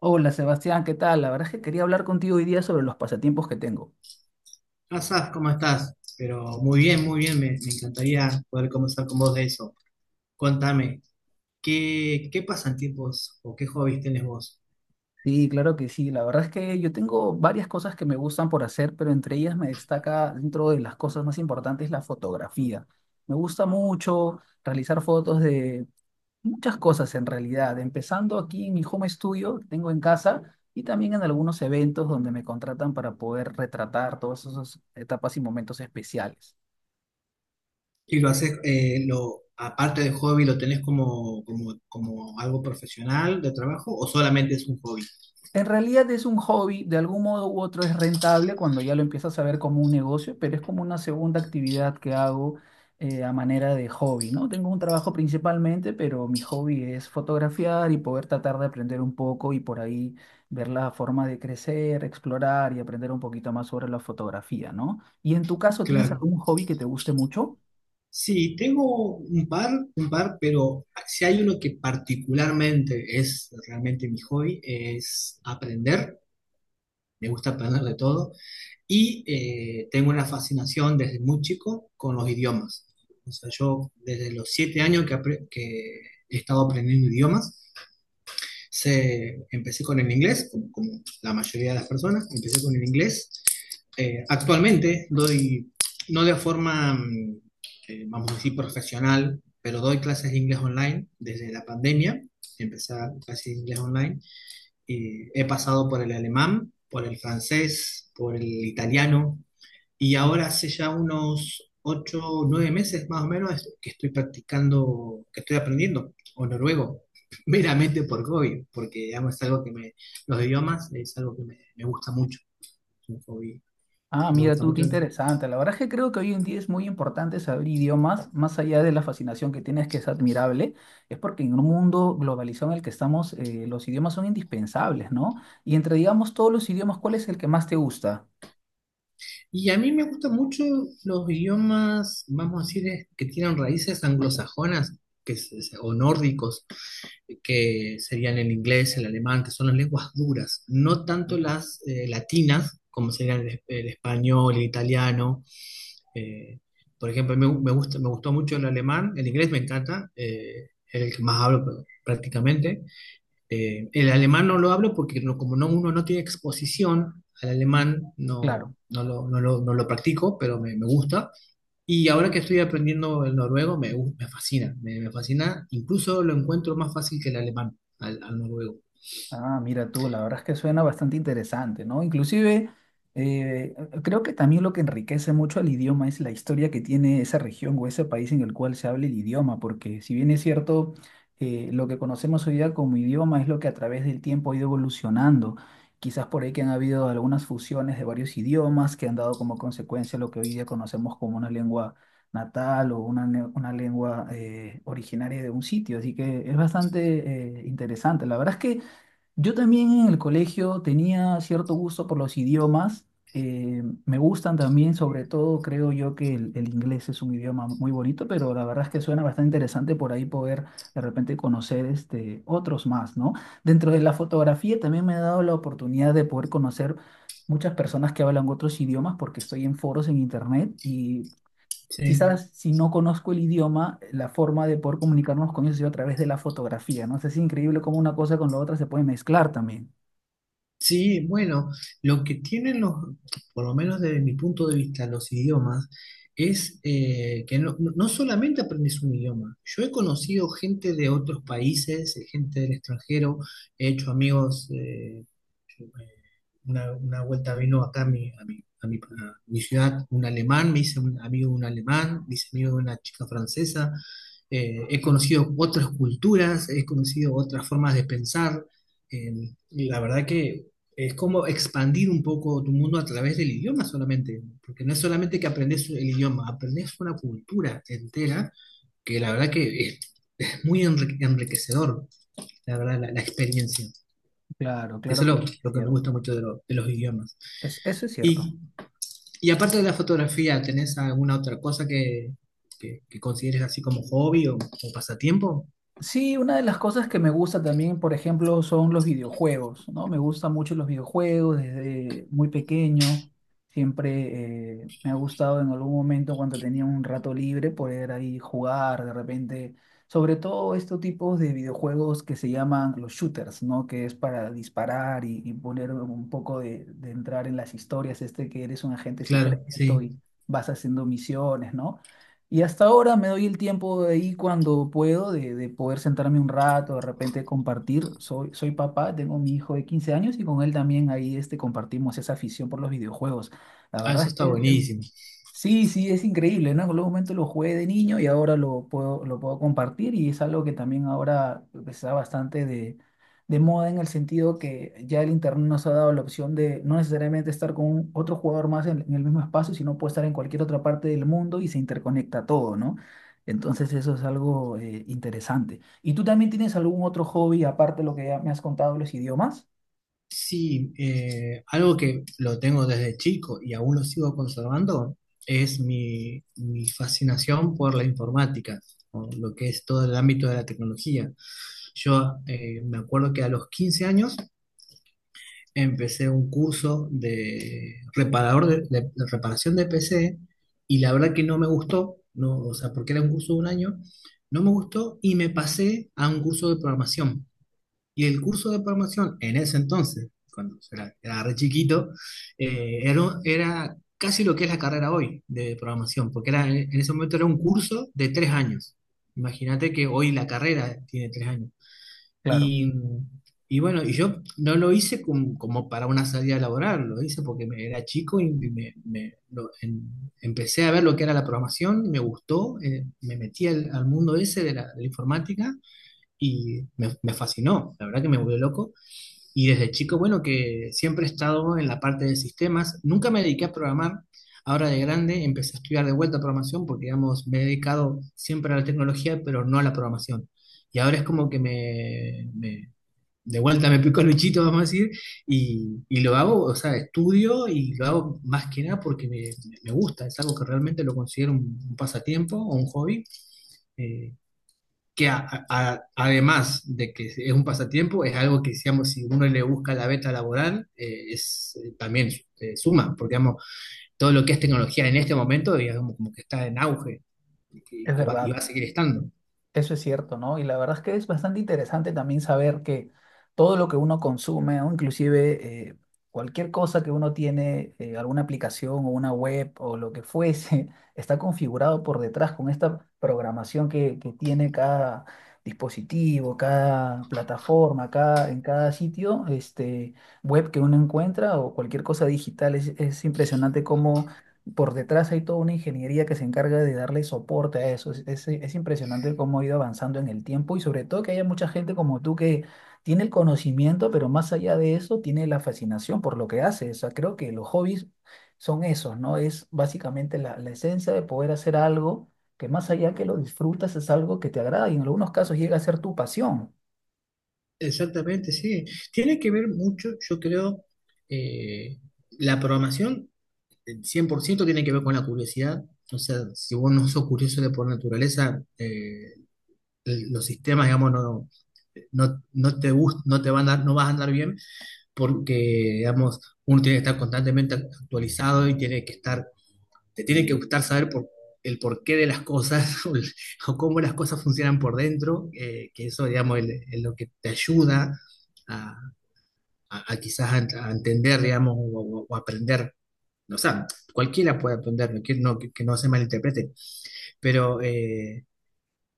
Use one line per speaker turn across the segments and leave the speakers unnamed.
Hola Sebastián, ¿qué tal? La verdad es que quería hablar contigo hoy día sobre los pasatiempos que tengo.
Asaf, ¿cómo estás? Pero muy bien, me encantaría poder conversar con vos de eso. Contame, ¿qué pasatiempos o qué hobbies tenés vos?
Sí, claro que sí. La verdad es que yo tengo varias cosas que me gustan por hacer, pero entre ellas me destaca dentro de las cosas más importantes la fotografía. Me gusta mucho realizar fotos de muchas cosas en realidad, empezando aquí en mi home studio que tengo en casa y también en algunos eventos donde me contratan para poder retratar todas esas etapas y momentos especiales.
¿Y lo haces, aparte de hobby, lo tenés como algo profesional de trabajo o solamente es un hobby?
En realidad es un hobby, de algún modo u otro es rentable cuando ya lo empiezas a ver como un negocio, pero es como una segunda actividad que hago a manera de hobby, ¿no? Tengo un trabajo principalmente, pero mi hobby es fotografiar y poder tratar de aprender un poco y por ahí ver la forma de crecer, explorar y aprender un poquito más sobre la fotografía, ¿no? Y en tu caso, ¿tienes
Claro.
algún hobby que te guste mucho?
Sí, tengo un par, pero si hay uno que particularmente es realmente mi hobby, es aprender. Me gusta aprender de todo. Y tengo una fascinación desde muy chico con los idiomas. O sea, yo desde los 7 años que he estado aprendiendo idiomas, empecé con el inglés, como la mayoría de las personas, empecé con el inglés. Actualmente doy, no de forma, vamos a decir, profesional, pero doy clases de inglés online desde la pandemia. Empecé a dar clases de inglés online. Y he pasado por el alemán, por el francés, por el italiano, y ahora hace ya unos 8 o 9 meses más o menos que estoy practicando, que estoy aprendiendo, o noruego, meramente por hobby, porque digamos, es algo que me, los idiomas es algo que me gusta mucho, es un hobby
Ah,
que me
mira
gusta
tú, qué
mucho.
interesante. La verdad es que creo que hoy en día es muy importante saber idiomas, más allá de la fascinación que tienes, que es admirable, es porque en un mundo globalizado en el que estamos, los idiomas son indispensables, ¿no? Y entre, digamos, todos los idiomas, ¿cuál es el que más te gusta?
Y a mí me gustan mucho los idiomas, vamos a decir, que tienen raíces anglosajonas o nórdicos, que serían el inglés, el alemán, que son las lenguas duras, no tanto
Mira.
las latinas, como serían el español, el italiano. eh, por ejemplo, me gusta, me gustó mucho el alemán, el inglés me encanta, es el que más hablo prácticamente. El alemán no lo hablo porque como no, uno no tiene exposición al alemán,
Claro.
no lo practico, pero me gusta. Y ahora que estoy aprendiendo el noruego, me fascina, me fascina, incluso lo encuentro más fácil que el alemán, al noruego.
Ah, mira tú, la verdad es que suena bastante interesante, ¿no? Inclusive, eh, creo que también lo que enriquece mucho al idioma es la historia que tiene esa región o ese país en el cual se habla el idioma, porque si bien es cierto, lo que conocemos hoy día como idioma es lo que a través del tiempo ha ido evolucionando. Quizás por ahí que han habido algunas fusiones de varios idiomas que han dado como consecuencia lo que hoy día conocemos como una lengua natal o una, una lengua originaria de un sitio. Así que es bastante interesante. La verdad es que… Yo también en el colegio tenía cierto gusto por los idiomas. Me gustan también, sobre todo creo yo que el inglés es un idioma muy bonito, pero la verdad es que suena bastante interesante por ahí poder de repente conocer este, otros más, ¿no? Dentro de la fotografía también me ha dado la oportunidad de poder conocer muchas personas que hablan otros idiomas porque estoy en foros en internet y
Sí.
quizás si no conozco el idioma, la forma de poder comunicarnos con ellos es a través de la fotografía, ¿no? O sea, es increíble cómo una cosa con la otra se puede mezclar también.
Sí, bueno, lo que tienen los, por lo menos desde mi punto de vista, los idiomas, es que no solamente aprendes un idioma. Yo he conocido gente de otros países, gente del extranjero, he hecho amigos, yo, eh, una vuelta vino acá a mi, ciudad un alemán, me hice un amigo de un alemán, me hice amigo de una chica francesa, he conocido otras culturas, he conocido otras formas de pensar. Eh, y la verdad que es como expandir un poco tu mundo a través del idioma solamente, porque no es solamente que aprendes el idioma, aprendes una cultura entera que la verdad que es muy enriquecedor, la verdad, la experiencia.
Claro,
Eso
claro
es
que
lo,
es
lo que me gusta
cierto.
mucho de los idiomas.
Eso es cierto.
Y, y aparte de la fotografía, ¿tenés alguna otra cosa que consideres así como hobby o pasatiempo?
Sí, una de las cosas que me gusta también, por ejemplo, son los videojuegos, ¿no? Me gustan mucho los videojuegos desde muy pequeño. Siempre me ha gustado en algún momento cuando tenía un rato libre poder ahí jugar de repente, sobre todo estos tipos de videojuegos que se llaman los shooters, ¿no? Que es para disparar y poner un poco de entrar en las historias, este que eres un agente
Claro,
secreto
sí.
y vas haciendo misiones, ¿no? Y hasta ahora me doy el tiempo de ahí cuando puedo, de poder sentarme un rato, de repente compartir. Soy papá, tengo mi hijo de 15 años y con él también ahí este, compartimos esa afición por los videojuegos. La
Ah, eso
verdad
está
es que es…
buenísimo.
Sí, sí, es increíble, ¿no? En algún momento lo jugué de niño y ahora lo puedo compartir y es algo que también ahora pues, está bastante de moda en el sentido que ya el internet nos ha dado la opción de no necesariamente estar con otro jugador más en el mismo espacio, sino puede estar en cualquier otra parte del mundo y se interconecta todo, ¿no? Entonces eso es algo interesante. ¿Y tú también tienes algún otro hobby aparte de lo que ya me has contado, los idiomas?
Sí, algo que lo tengo desde chico y aún lo sigo conservando es mi fascinación por la informática, por lo que es todo el ámbito de la tecnología. Yo me acuerdo que a los 15 años empecé un curso de, reparador de, de reparación de PC y la verdad que no me gustó, no, o sea, porque era un curso de un año, no me gustó y me pasé a un curso de programación. Y el curso de programación en ese entonces, cuando era re chiquito, era casi lo que es la carrera hoy de programación, porque era, en ese momento era un curso de 3 años. Imagínate que hoy la carrera tiene 3 años.
Claro,
Y, y bueno, y yo no lo hice como, para una salida laboral, lo hice porque era chico y empecé a ver lo que era la programación, me gustó, me metí al mundo ese de la informática y me fascinó, la verdad que me volvió loco. Y desde chico, bueno, que siempre he estado en la parte de sistemas, nunca me dediqué a programar. Ahora de grande empecé a estudiar de vuelta programación porque, digamos, me he dedicado siempre a la tecnología, pero no a la programación. Y ahora es como que de vuelta me pico el bichito, vamos a decir, y lo hago, o sea, estudio y lo hago más que nada porque me gusta, es algo que realmente lo considero un pasatiempo o un hobby. Eh, que además de que es un pasatiempo, es algo que, digamos, si uno le busca la beta laboral, es, también suma, porque, digamos, todo lo que es tecnología en este momento, digamos, como que está en auge y que,
es
que va, y va
verdad.
a seguir estando.
Eso es cierto, ¿no? Y la verdad es que es bastante interesante también saber que todo lo que uno consume, o inclusive cualquier cosa que uno tiene, alguna aplicación o una web o lo que fuese, está configurado por detrás con esta programación que tiene cada dispositivo, cada plataforma, cada, en cada sitio, este, web que uno encuentra o cualquier cosa digital. Es impresionante cómo por detrás hay toda una ingeniería que se encarga de darle soporte a eso. Es impresionante cómo ha ido avanzando en el tiempo y sobre todo que haya mucha gente como tú que tiene el conocimiento, pero más allá de eso tiene la fascinación por lo que hace. O sea, creo que los hobbies son esos, ¿no? Es básicamente la esencia de poder hacer algo que más allá que lo disfrutas es algo que te agrada y en algunos casos llega a ser tu pasión.
Exactamente, sí. Tiene que ver mucho, yo creo, eh, la programación, el 100% tiene que ver con la curiosidad. O sea, si vos no sos curioso de por naturaleza, los sistemas, digamos, no, no, no te gust- no te van a, no vas a andar bien porque, digamos, uno tiene que estar constantemente actualizado y te tiene que gustar saber el porqué de las cosas o cómo las cosas funcionan por dentro, que eso, digamos, es lo que te ayuda a, a quizás a entender, digamos, o aprender. O sea, cualquiera puede aprender, no, que no se malinterprete, pero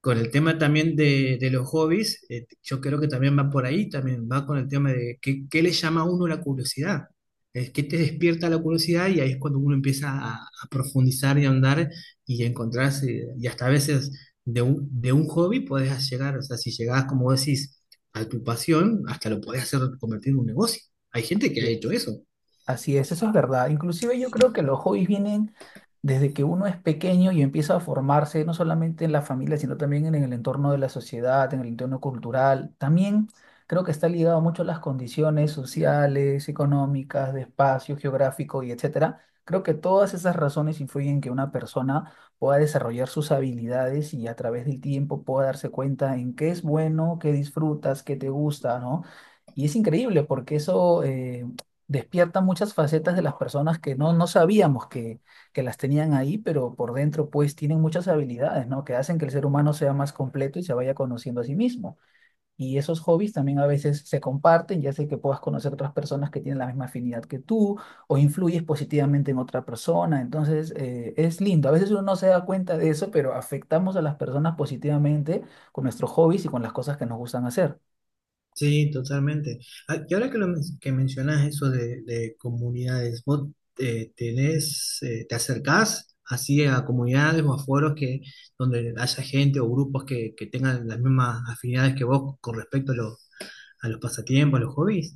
con el tema también de los hobbies, yo creo que también va por ahí, también va con el tema de qué le llama a uno la curiosidad, es qué te despierta la curiosidad y ahí es cuando uno empieza a profundizar y a ahondar y a encontrarse, y hasta a veces de un hobby podés llegar, o sea, si llegás, como decís, a tu pasión, hasta lo podés hacer convertir en un negocio. Hay gente que ha hecho eso.
Así es, eso es verdad. Inclusive yo creo que los hobbies vienen desde que uno es pequeño y empieza a formarse, no solamente en la familia, sino también en el entorno de la sociedad, en el entorno cultural. También creo que está ligado mucho a las condiciones sociales, económicas, de espacio geográfico y etcétera. Creo que todas esas razones influyen en que una persona pueda desarrollar sus habilidades y a través del tiempo pueda darse cuenta en qué es bueno, qué disfrutas, qué te gusta, ¿no? Y es increíble porque eso, despierta muchas facetas de las personas que no, no sabíamos que las tenían ahí, pero por dentro pues tienen muchas habilidades, ¿no? Que hacen que el ser humano sea más completo y se vaya conociendo a sí mismo. Y esos hobbies también a veces se comparten, ya sea que puedas conocer otras personas que tienen la misma afinidad que tú o influyes positivamente en otra persona. Entonces es lindo. A veces uno no se da cuenta de eso, pero afectamos a las personas positivamente con nuestros hobbies y con las cosas que nos gustan hacer.
Sí, totalmente. Ah, y ahora que mencionas eso de comunidades, ¿vos te acercás así a comunidades o a foros donde haya gente o grupos que tengan las mismas afinidades que vos con respecto a los pasatiempos, a los hobbies?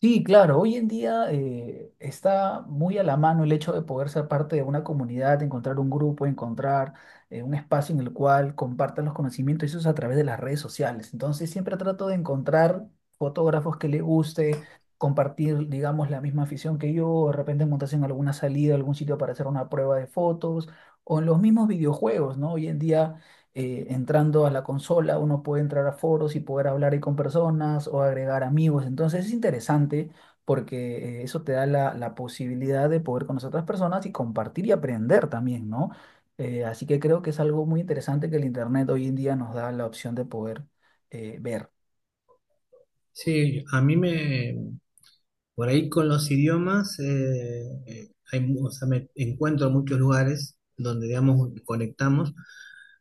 Sí, claro, hoy en día está muy a la mano el hecho de poder ser parte de una comunidad, encontrar un grupo, encontrar un espacio en el cual compartan los conocimientos, y eso es a través de las redes sociales. Entonces siempre trato de encontrar fotógrafos que le guste, compartir, digamos, la misma afición que yo, de repente montarse en alguna salida, algún sitio para hacer una prueba de fotos, o en los mismos videojuegos, ¿no? Hoy en día entrando a la consola, uno puede entrar a foros y poder hablar ahí con personas o agregar amigos. Entonces es interesante porque eso te da la posibilidad de poder conocer a otras personas y compartir y aprender también, ¿no? Así que creo que es algo muy interesante que el Internet hoy en día nos da la opción de poder ver.
Sí, a mí por ahí con los idiomas, o sea, me encuentro en muchos lugares donde, digamos, conectamos.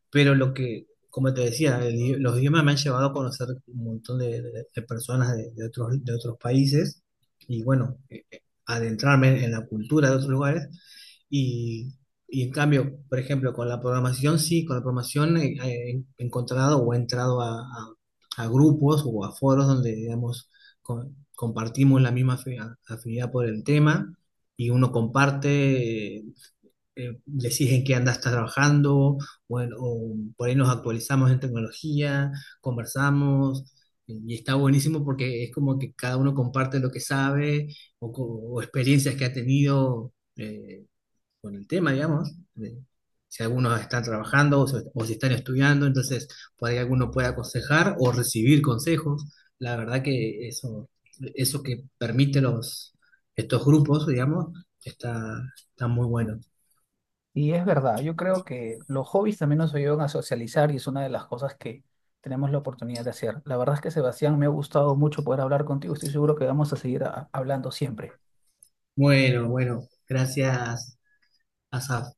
Pero lo que, como te decía, los idiomas me han llevado a conocer un montón de personas de otros países y bueno, adentrarme en la cultura de otros lugares. Y, y en cambio, por ejemplo, con la programación, sí, con la programación he, encontrado o he entrado a grupos o a foros donde, digamos, compartimos la misma afinidad por el tema y uno comparte les dije qué anda estás trabajando, bueno, o por ahí nos actualizamos en tecnología, conversamos, y está buenísimo porque es como que cada uno comparte lo que sabe o experiencias que ha tenido con el tema, digamos, si algunos están trabajando o si están estudiando, entonces por ahí alguno puede aconsejar o recibir consejos. La verdad que eso, que permite estos grupos, digamos, está, está muy bueno.
Y es verdad, yo creo que los hobbies también nos ayudan a socializar y es una de las cosas que tenemos la oportunidad de hacer. La verdad es que Sebastián, me ha gustado mucho poder hablar contigo. Estoy seguro que vamos a seguir hablando siempre.
Bueno, bueno, gracias, Asaf.